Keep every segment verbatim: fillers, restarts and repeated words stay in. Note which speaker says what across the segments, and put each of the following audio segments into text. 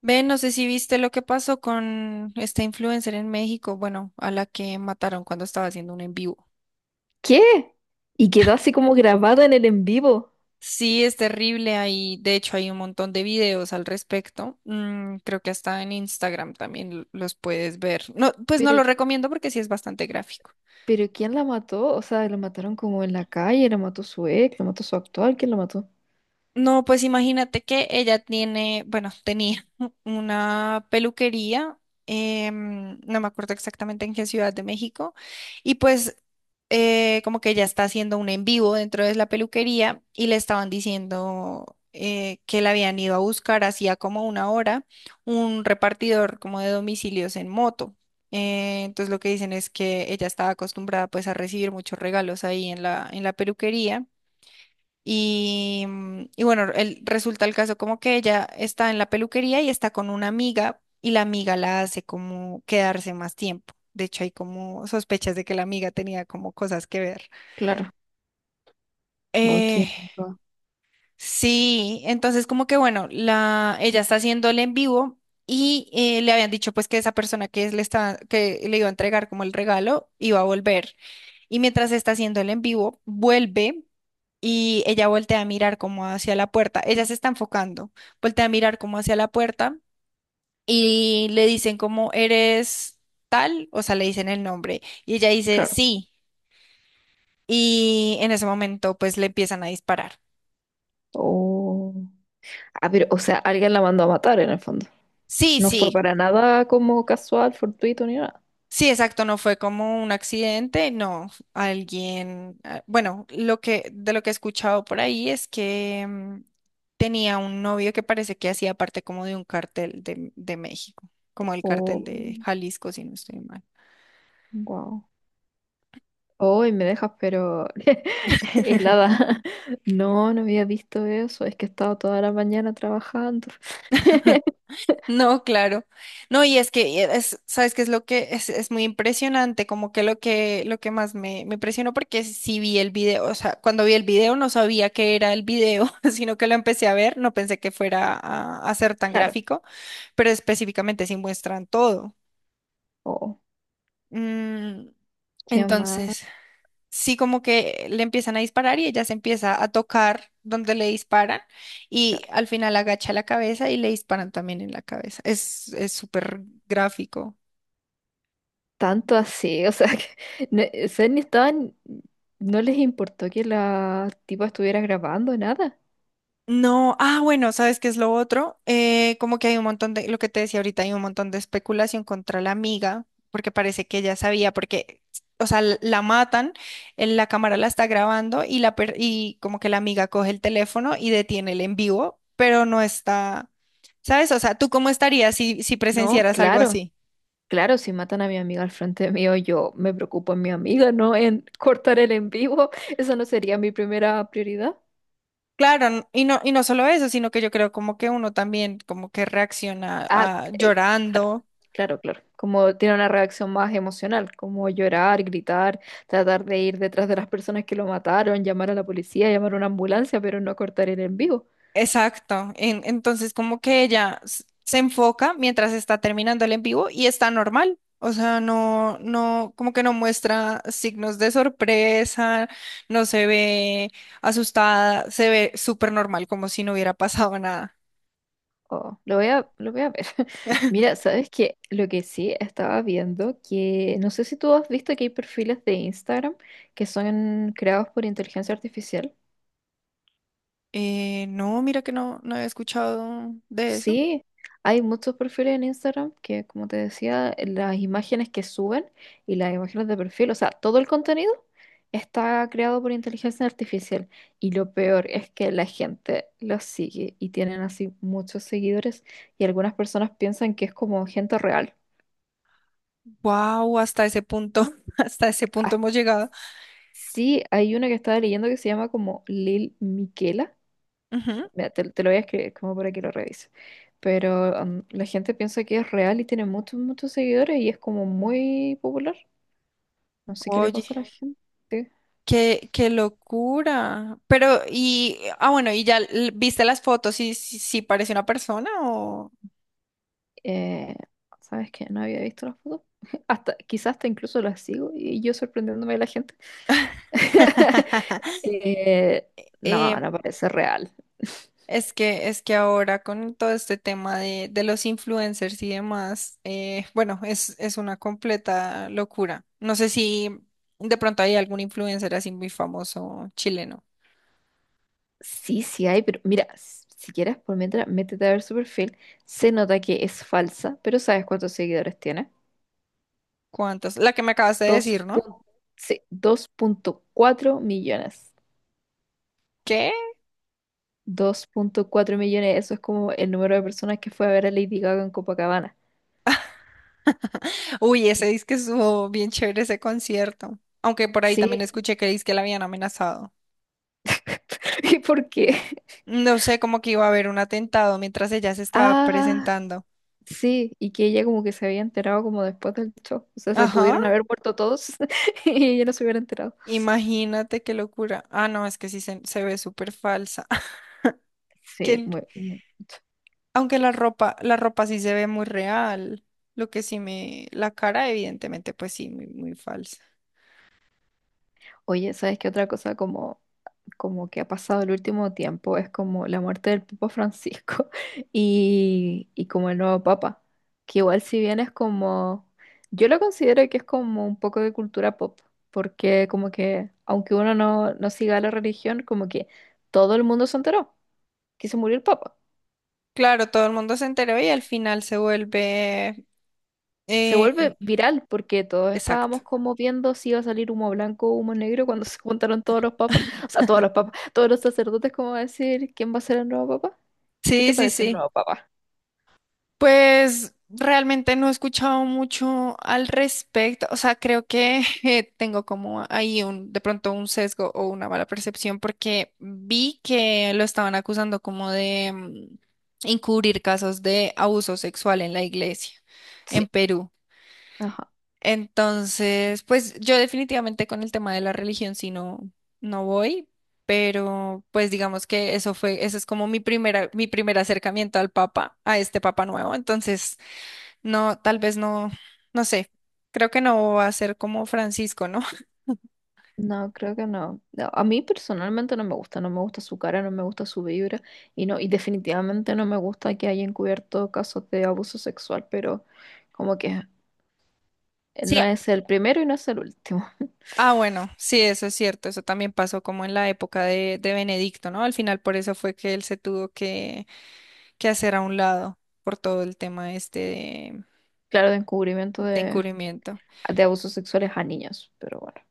Speaker 1: Ve, no sé si viste lo que pasó con esta influencer en México, bueno, a la que mataron cuando estaba haciendo un en vivo.
Speaker 2: ¿Qué? Y quedó así como grabado en el en vivo.
Speaker 1: Sí, es terrible. Hay, De hecho, hay un montón de videos al respecto. Mm, creo que hasta en Instagram también l- los puedes ver. No, pues no
Speaker 2: Pero,
Speaker 1: lo recomiendo porque sí es bastante gráfico.
Speaker 2: pero ¿quién la mató? O sea, la mataron como en la calle, la mató su ex, la mató su actual, ¿quién la mató?
Speaker 1: No, pues imagínate que ella tiene, bueno, tenía una peluquería, em, no me acuerdo exactamente en qué ciudad de México, y pues eh, como que ella está haciendo un en vivo dentro de la peluquería y le estaban diciendo eh, que la habían ido a buscar hacía como una hora un repartidor como de domicilios en moto. Eh, entonces lo que dicen es que ella estaba acostumbrada pues a recibir muchos regalos ahí en la, en la peluquería. Y, mm, y bueno, el- resulta el caso como que ella está en la peluquería y está con una amiga y la amiga la hace como quedarse más tiempo. De hecho, hay como sospechas de que la amiga tenía como cosas que ver.
Speaker 2: Claro. Oh,
Speaker 1: Eh,
Speaker 2: ¿quién mató?
Speaker 1: sí, entonces como que bueno, la, ella está haciendo el en vivo y eh, le habían dicho pues que esa persona que es- le estaba, que le iba a entregar como el regalo iba a volver. Y mientras está haciendo el en vivo, vuelve y ella voltea a mirar como hacia la puerta. Ella se está enfocando, voltea a mirar como hacia la puerta y le dicen como eres tal, o sea, le dicen el nombre y ella dice
Speaker 2: Claro.
Speaker 1: sí, y en ese momento pues le empiezan a disparar.
Speaker 2: Oh. Ah, pero, o sea, alguien la mandó a matar en el fondo.
Speaker 1: Sí,
Speaker 2: No fue
Speaker 1: sí.
Speaker 2: para nada como casual, fortuito ni nada.
Speaker 1: Sí, exacto, no fue como un accidente, no, alguien, ah, bueno, lo que de lo que he escuchado por ahí es que mm, tenía un novio que parece que hacía parte como de un cartel de, de México, como el cartel
Speaker 2: Oh,
Speaker 1: de Jalisco, si no estoy mal.
Speaker 2: wow. Oh, y me dejas, pero helada. No, no había visto eso. Es que he estado toda la mañana trabajando.
Speaker 1: No, claro. No, y es que eh, es, ¿sabes qué es lo que es, es muy impresionante? Como que lo que lo que más me, me impresionó porque sí vi el video, o sea, cuando vi el video no sabía que era el video, sino que lo empecé a ver, no pensé que fuera a a ser tan
Speaker 2: Claro.
Speaker 1: gráfico. Pero específicamente sí muestran todo.
Speaker 2: Oh.
Speaker 1: Mm,
Speaker 2: Qué mal,
Speaker 1: entonces, sí, como que le empiezan a disparar y ella se empieza a tocar donde le disparan y
Speaker 2: claro.
Speaker 1: al final agacha la cabeza y le disparan también en la cabeza. Es, es súper gráfico.
Speaker 2: Tanto así, o sea, que no, o sea, ni estaban, no les importó que la tipa estuviera grabando nada.
Speaker 1: No, ah, bueno, ¿sabes qué es lo otro? Eh, como que hay un montón de, lo que te decía ahorita, hay un montón de especulación contra la amiga, porque parece que ella sabía, porque, o sea, l- la matan, en la cámara la está grabando y, la per- y como que la amiga coge el teléfono y detiene el en vivo, pero no está, ¿sabes? O sea, ¿tú cómo estarías si, si
Speaker 2: No,
Speaker 1: presenciaras algo
Speaker 2: claro,
Speaker 1: así?
Speaker 2: claro, si matan a mi amiga al frente mío, yo me preocupo en mi amiga, no en cortar el en vivo. Eso no sería mi primera prioridad.
Speaker 1: Claro, n- y no, y no solo eso, sino que yo creo como que uno también como que reacciona
Speaker 2: Ah,
Speaker 1: ah,
Speaker 2: eh, claro,
Speaker 1: llorando.
Speaker 2: claro, claro. Como tiene una reacción más emocional, como llorar, gritar, tratar de ir detrás de las personas que lo mataron, llamar a la policía, llamar a una ambulancia, pero no cortar el en vivo.
Speaker 1: Exacto. En- entonces, como que ella s- se enfoca mientras está terminando el en vivo y está normal. O sea, no, no, como que no muestra signos de sorpresa, no se ve asustada, se ve súper normal, como si no hubiera pasado nada.
Speaker 2: Oh, lo voy a, lo voy a ver. Mira, ¿sabes qué? Lo que sí estaba viendo, que no sé si tú has visto que hay perfiles de Instagram que son creados por inteligencia artificial.
Speaker 1: Eh, no, mira que no, no había escuchado de eso.
Speaker 2: Sí, hay muchos perfiles en Instagram que, como te decía, las imágenes que suben y las imágenes de perfil, o sea, todo el contenido está creado por inteligencia artificial. Y lo peor es que la gente los sigue y tienen así muchos seguidores y algunas personas piensan que es como gente real.
Speaker 1: Wow, hasta ese punto, hasta ese punto hemos llegado.
Speaker 2: Sí, hay una que estaba leyendo que se llama como Lil Miquela.
Speaker 1: Ujú.
Speaker 2: Mira, te, te lo voy a escribir como para que lo revises. Pero um, la gente piensa que es real y tiene muchos, muchos seguidores y es como muy popular. No sé qué le
Speaker 1: Oye.
Speaker 2: pasa a la gente.
Speaker 1: Qué, qué locura. Pero, y, ah, bueno, y ya l- viste las fotos y si, si parece una persona o...
Speaker 2: Eh, ¿sabes qué? No había visto las fotos. Hasta, quizás hasta incluso las sigo y yo sorprendiéndome de la gente. Eh, no,
Speaker 1: Eh,
Speaker 2: no parece real.
Speaker 1: es que, es que ahora con todo este tema de, de los influencers y demás, eh, bueno, es, es una completa locura. No sé si de pronto hay algún influencer así muy famoso chileno.
Speaker 2: Sí, sí hay, pero mira, s- si quieres, por mientras, métete a ver su perfil. Se nota que es falsa, pero ¿sabes cuántos seguidores tiene?
Speaker 1: ¿Cuántos? La que me acabas de
Speaker 2: Dos dos
Speaker 1: decir, ¿no?
Speaker 2: punto punto sí, dos punto cuatro millones.
Speaker 1: ¿Qué?
Speaker 2: Dos punto cuatro millones, eso es como el número de personas que fue a ver a Lady Gaga en Copacabana.
Speaker 1: Uy, ese disque estuvo bien chévere ese concierto. Aunque por ahí también
Speaker 2: Sí.
Speaker 1: escuché que que la habían amenazado.
Speaker 2: ¿Y por qué?
Speaker 1: No sé, como que iba a haber un atentado mientras ella se estaba
Speaker 2: Ah,
Speaker 1: presentando.
Speaker 2: sí, y que ella como que se había enterado como después del show. O sea, se
Speaker 1: Ajá,
Speaker 2: pudieron haber muerto todos y ella no se hubiera enterado.
Speaker 1: imagínate qué locura. Ah, no, es que sí se, se ve súper falsa. Que,
Speaker 2: Sí,
Speaker 1: el-
Speaker 2: muy, muy.
Speaker 1: Aunque la ropa, la ropa sí se ve muy real. Lo que sí me, La cara, evidentemente, pues sí, muy, muy falsa.
Speaker 2: Oye, ¿sabes qué otra cosa como como que ha pasado el último tiempo es como la muerte del Papa Francisco y, y como el nuevo Papa, que igual si bien es como, yo lo considero que es como un poco de cultura pop, porque como que aunque uno no, no siga la religión, como que todo el mundo se enteró que se murió el Papa.
Speaker 1: Claro, todo el mundo se enteró y al final se vuelve.
Speaker 2: Se
Speaker 1: eh,
Speaker 2: vuelve viral porque todos
Speaker 1: exacto.
Speaker 2: estábamos como viendo si iba a salir humo blanco o humo negro cuando se juntaron todos los papas, o sea, todos los papas, todos los sacerdotes, como a decir quién va a ser el nuevo papa. ¿Qué
Speaker 1: Sí,
Speaker 2: te
Speaker 1: sí,
Speaker 2: parece el
Speaker 1: sí.
Speaker 2: nuevo papá?
Speaker 1: Pues realmente no he escuchado mucho al respecto, o sea, creo que eh, tengo como ahí un, de pronto un sesgo o una mala percepción porque vi que lo estaban acusando como de mm, encubrir casos de abuso sexual en la iglesia en
Speaker 2: Sí,
Speaker 1: Perú.
Speaker 2: ajá.
Speaker 1: Entonces, pues yo definitivamente con el tema de la religión sí no, no voy, pero pues digamos que eso fue, ese es como mi primera, mi primer acercamiento al Papa, a este Papa nuevo. Entonces, no, tal vez no, no sé. Creo que no va a ser como Francisco, ¿no?
Speaker 2: No, creo que no. No, a mí personalmente no me gusta, no me gusta su cara, no me gusta su vibra y no, y definitivamente no me gusta que haya encubierto casos de abuso sexual, pero como que
Speaker 1: Sí.
Speaker 2: no es el primero y no es el último.
Speaker 1: Ah, bueno, sí, eso es cierto. Eso también pasó como en la época de, de Benedicto, ¿no? Al final por eso fue que él se tuvo que, que hacer a un lado por todo el tema este de,
Speaker 2: Claro, de encubrimiento
Speaker 1: de
Speaker 2: de,
Speaker 1: encubrimiento.
Speaker 2: de abusos sexuales a niños, pero bueno.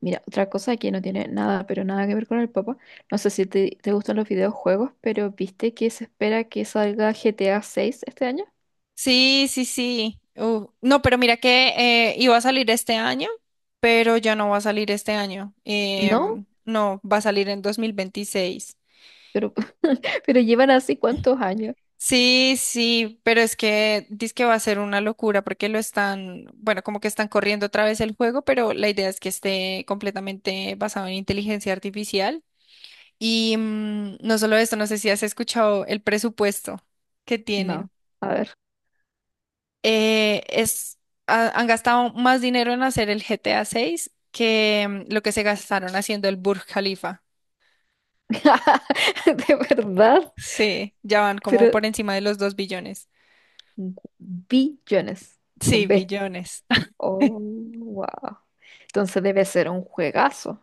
Speaker 2: Mira, otra cosa que no tiene nada, pero nada que ver con el papá. No sé si te, te gustan los videojuegos, pero ¿viste que se espera que salga G T A seis este año?
Speaker 1: Sí, sí, sí. Uh, no, pero mira que eh, iba a salir este año, pero ya no va a salir este año.
Speaker 2: No,
Speaker 1: Em, no, va a salir en dos mil veintiséis.
Speaker 2: pero, pero llevan así cuántos años.
Speaker 1: Sí, sí, pero es que dice que va a ser una locura porque lo están, bueno, como que están corriendo otra vez el juego, pero la idea es que esté completamente basado en inteligencia artificial. Y mm, no solo esto, no sé si has escuchado el presupuesto que
Speaker 2: No,
Speaker 1: tienen.
Speaker 2: a ver.
Speaker 1: Eh, es, ha- Han gastado más dinero en hacer el G T A seis que mm, lo que se gastaron haciendo el Burj Khalifa.
Speaker 2: De verdad,
Speaker 1: Sí, ya van como
Speaker 2: pero
Speaker 1: por encima de los dos billones.
Speaker 2: billones
Speaker 1: Sí,
Speaker 2: con B.
Speaker 1: billones.
Speaker 2: Oh, wow. Entonces debe ser un juegazo.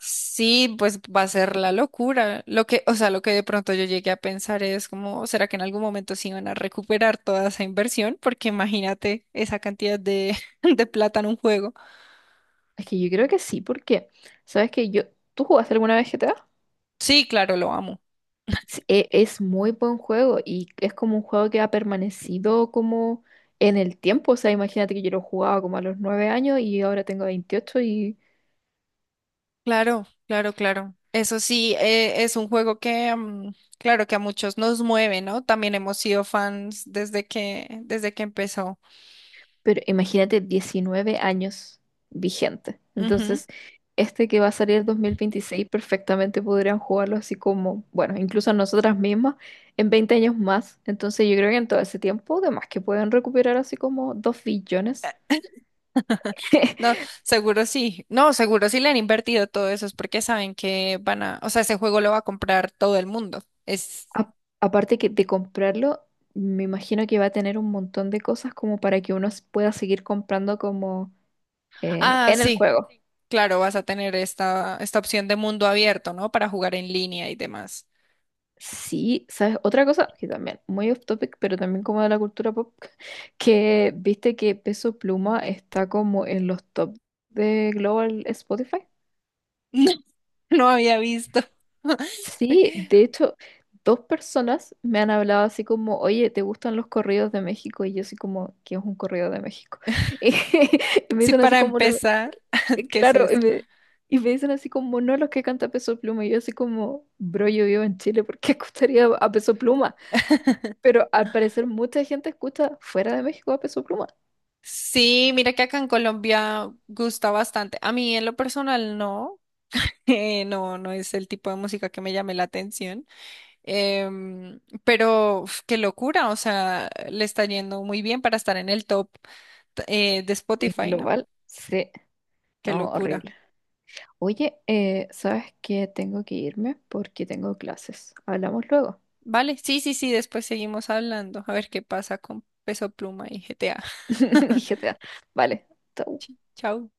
Speaker 1: Sí, pues va a ser la locura. Lo que, o sea, lo que de pronto yo llegué a pensar es como, ¿será que en algún momento se iban a recuperar toda esa inversión? Porque imagínate esa cantidad de, de plata en un juego.
Speaker 2: Es que yo creo que sí, porque, ¿sabes que yo, ¿tú jugaste alguna vez G T A?
Speaker 1: Sí, claro, lo amo.
Speaker 2: Sí, e- Es muy buen juego y es como un juego que ha permanecido como en el tiempo. O sea, imagínate que yo lo jugaba como a los nueve años y ahora tengo veintiocho y.
Speaker 1: Claro, claro, claro. Eso sí, eh, es un juego que, mm, claro, que a muchos nos mueve, ¿no? También hemos sido fans desde que, desde que empezó.
Speaker 2: Pero imagínate diecinueve años vigente.
Speaker 1: Ujú.
Speaker 2: Entonces, este que va a salir el dos mil veintiséis perfectamente podrían jugarlo así como, bueno, incluso nosotras mismas en veinte años más. Entonces, yo creo que en todo ese tiempo, además que pueden recuperar así como dos billones.
Speaker 1: No, seguro sí. No, seguro sí le han invertido todo eso, es porque saben que van a, o sea, ese juego lo va a comprar todo el mundo. Es,
Speaker 2: A- aparte que de comprarlo, me imagino que va a tener un montón de cosas como para que uno s- pueda seguir comprando como eh,
Speaker 1: ah,
Speaker 2: en el
Speaker 1: sí,
Speaker 2: juego.
Speaker 1: claro, vas a tener esta, esta opción de mundo abierto, ¿no? Para jugar en línea y demás.
Speaker 2: Sí, ¿sabes? Otra cosa que también, muy off topic, pero también como de la cultura pop, que viste que Peso Pluma está como en los top de Global Spotify.
Speaker 1: No, no había visto.
Speaker 2: Sí, de hecho, dos personas me han hablado así como, oye, ¿te gustan los corridos de México? Y yo así como, ¿qué es un corrido de México? Y, me
Speaker 1: Sí,
Speaker 2: dicen así
Speaker 1: para
Speaker 2: como, lo-
Speaker 1: empezar, ¿qué es
Speaker 2: claro, y
Speaker 1: eso?
Speaker 2: me, y me dicen así como, no los que canta Peso Pluma. Y yo así como, bro, yo vivo en Chile, ¿por qué escucharía a Peso Pluma? Pero al parecer mucha gente escucha fuera de México a Peso Pluma.
Speaker 1: Sí, mira que acá en Colombia gusta bastante. A mí en lo personal no. Eh, no, no es el tipo de música que me llame la atención. Em, pero uf, qué locura, o sea, le está yendo muy bien para estar en el top, eh, de
Speaker 2: Es
Speaker 1: Spotify, ¿no?
Speaker 2: global, sí.
Speaker 1: Qué
Speaker 2: No,
Speaker 1: locura.
Speaker 2: horrible. Oye, eh, ¿sabes qué? Tengo que irme porque tengo clases. Hablamos luego.
Speaker 1: Vale, sí, sí, sí, después seguimos hablando, a ver qué pasa con Peso Pluma y G T A.
Speaker 2: G T A. Vale. Chao.
Speaker 1: Chao.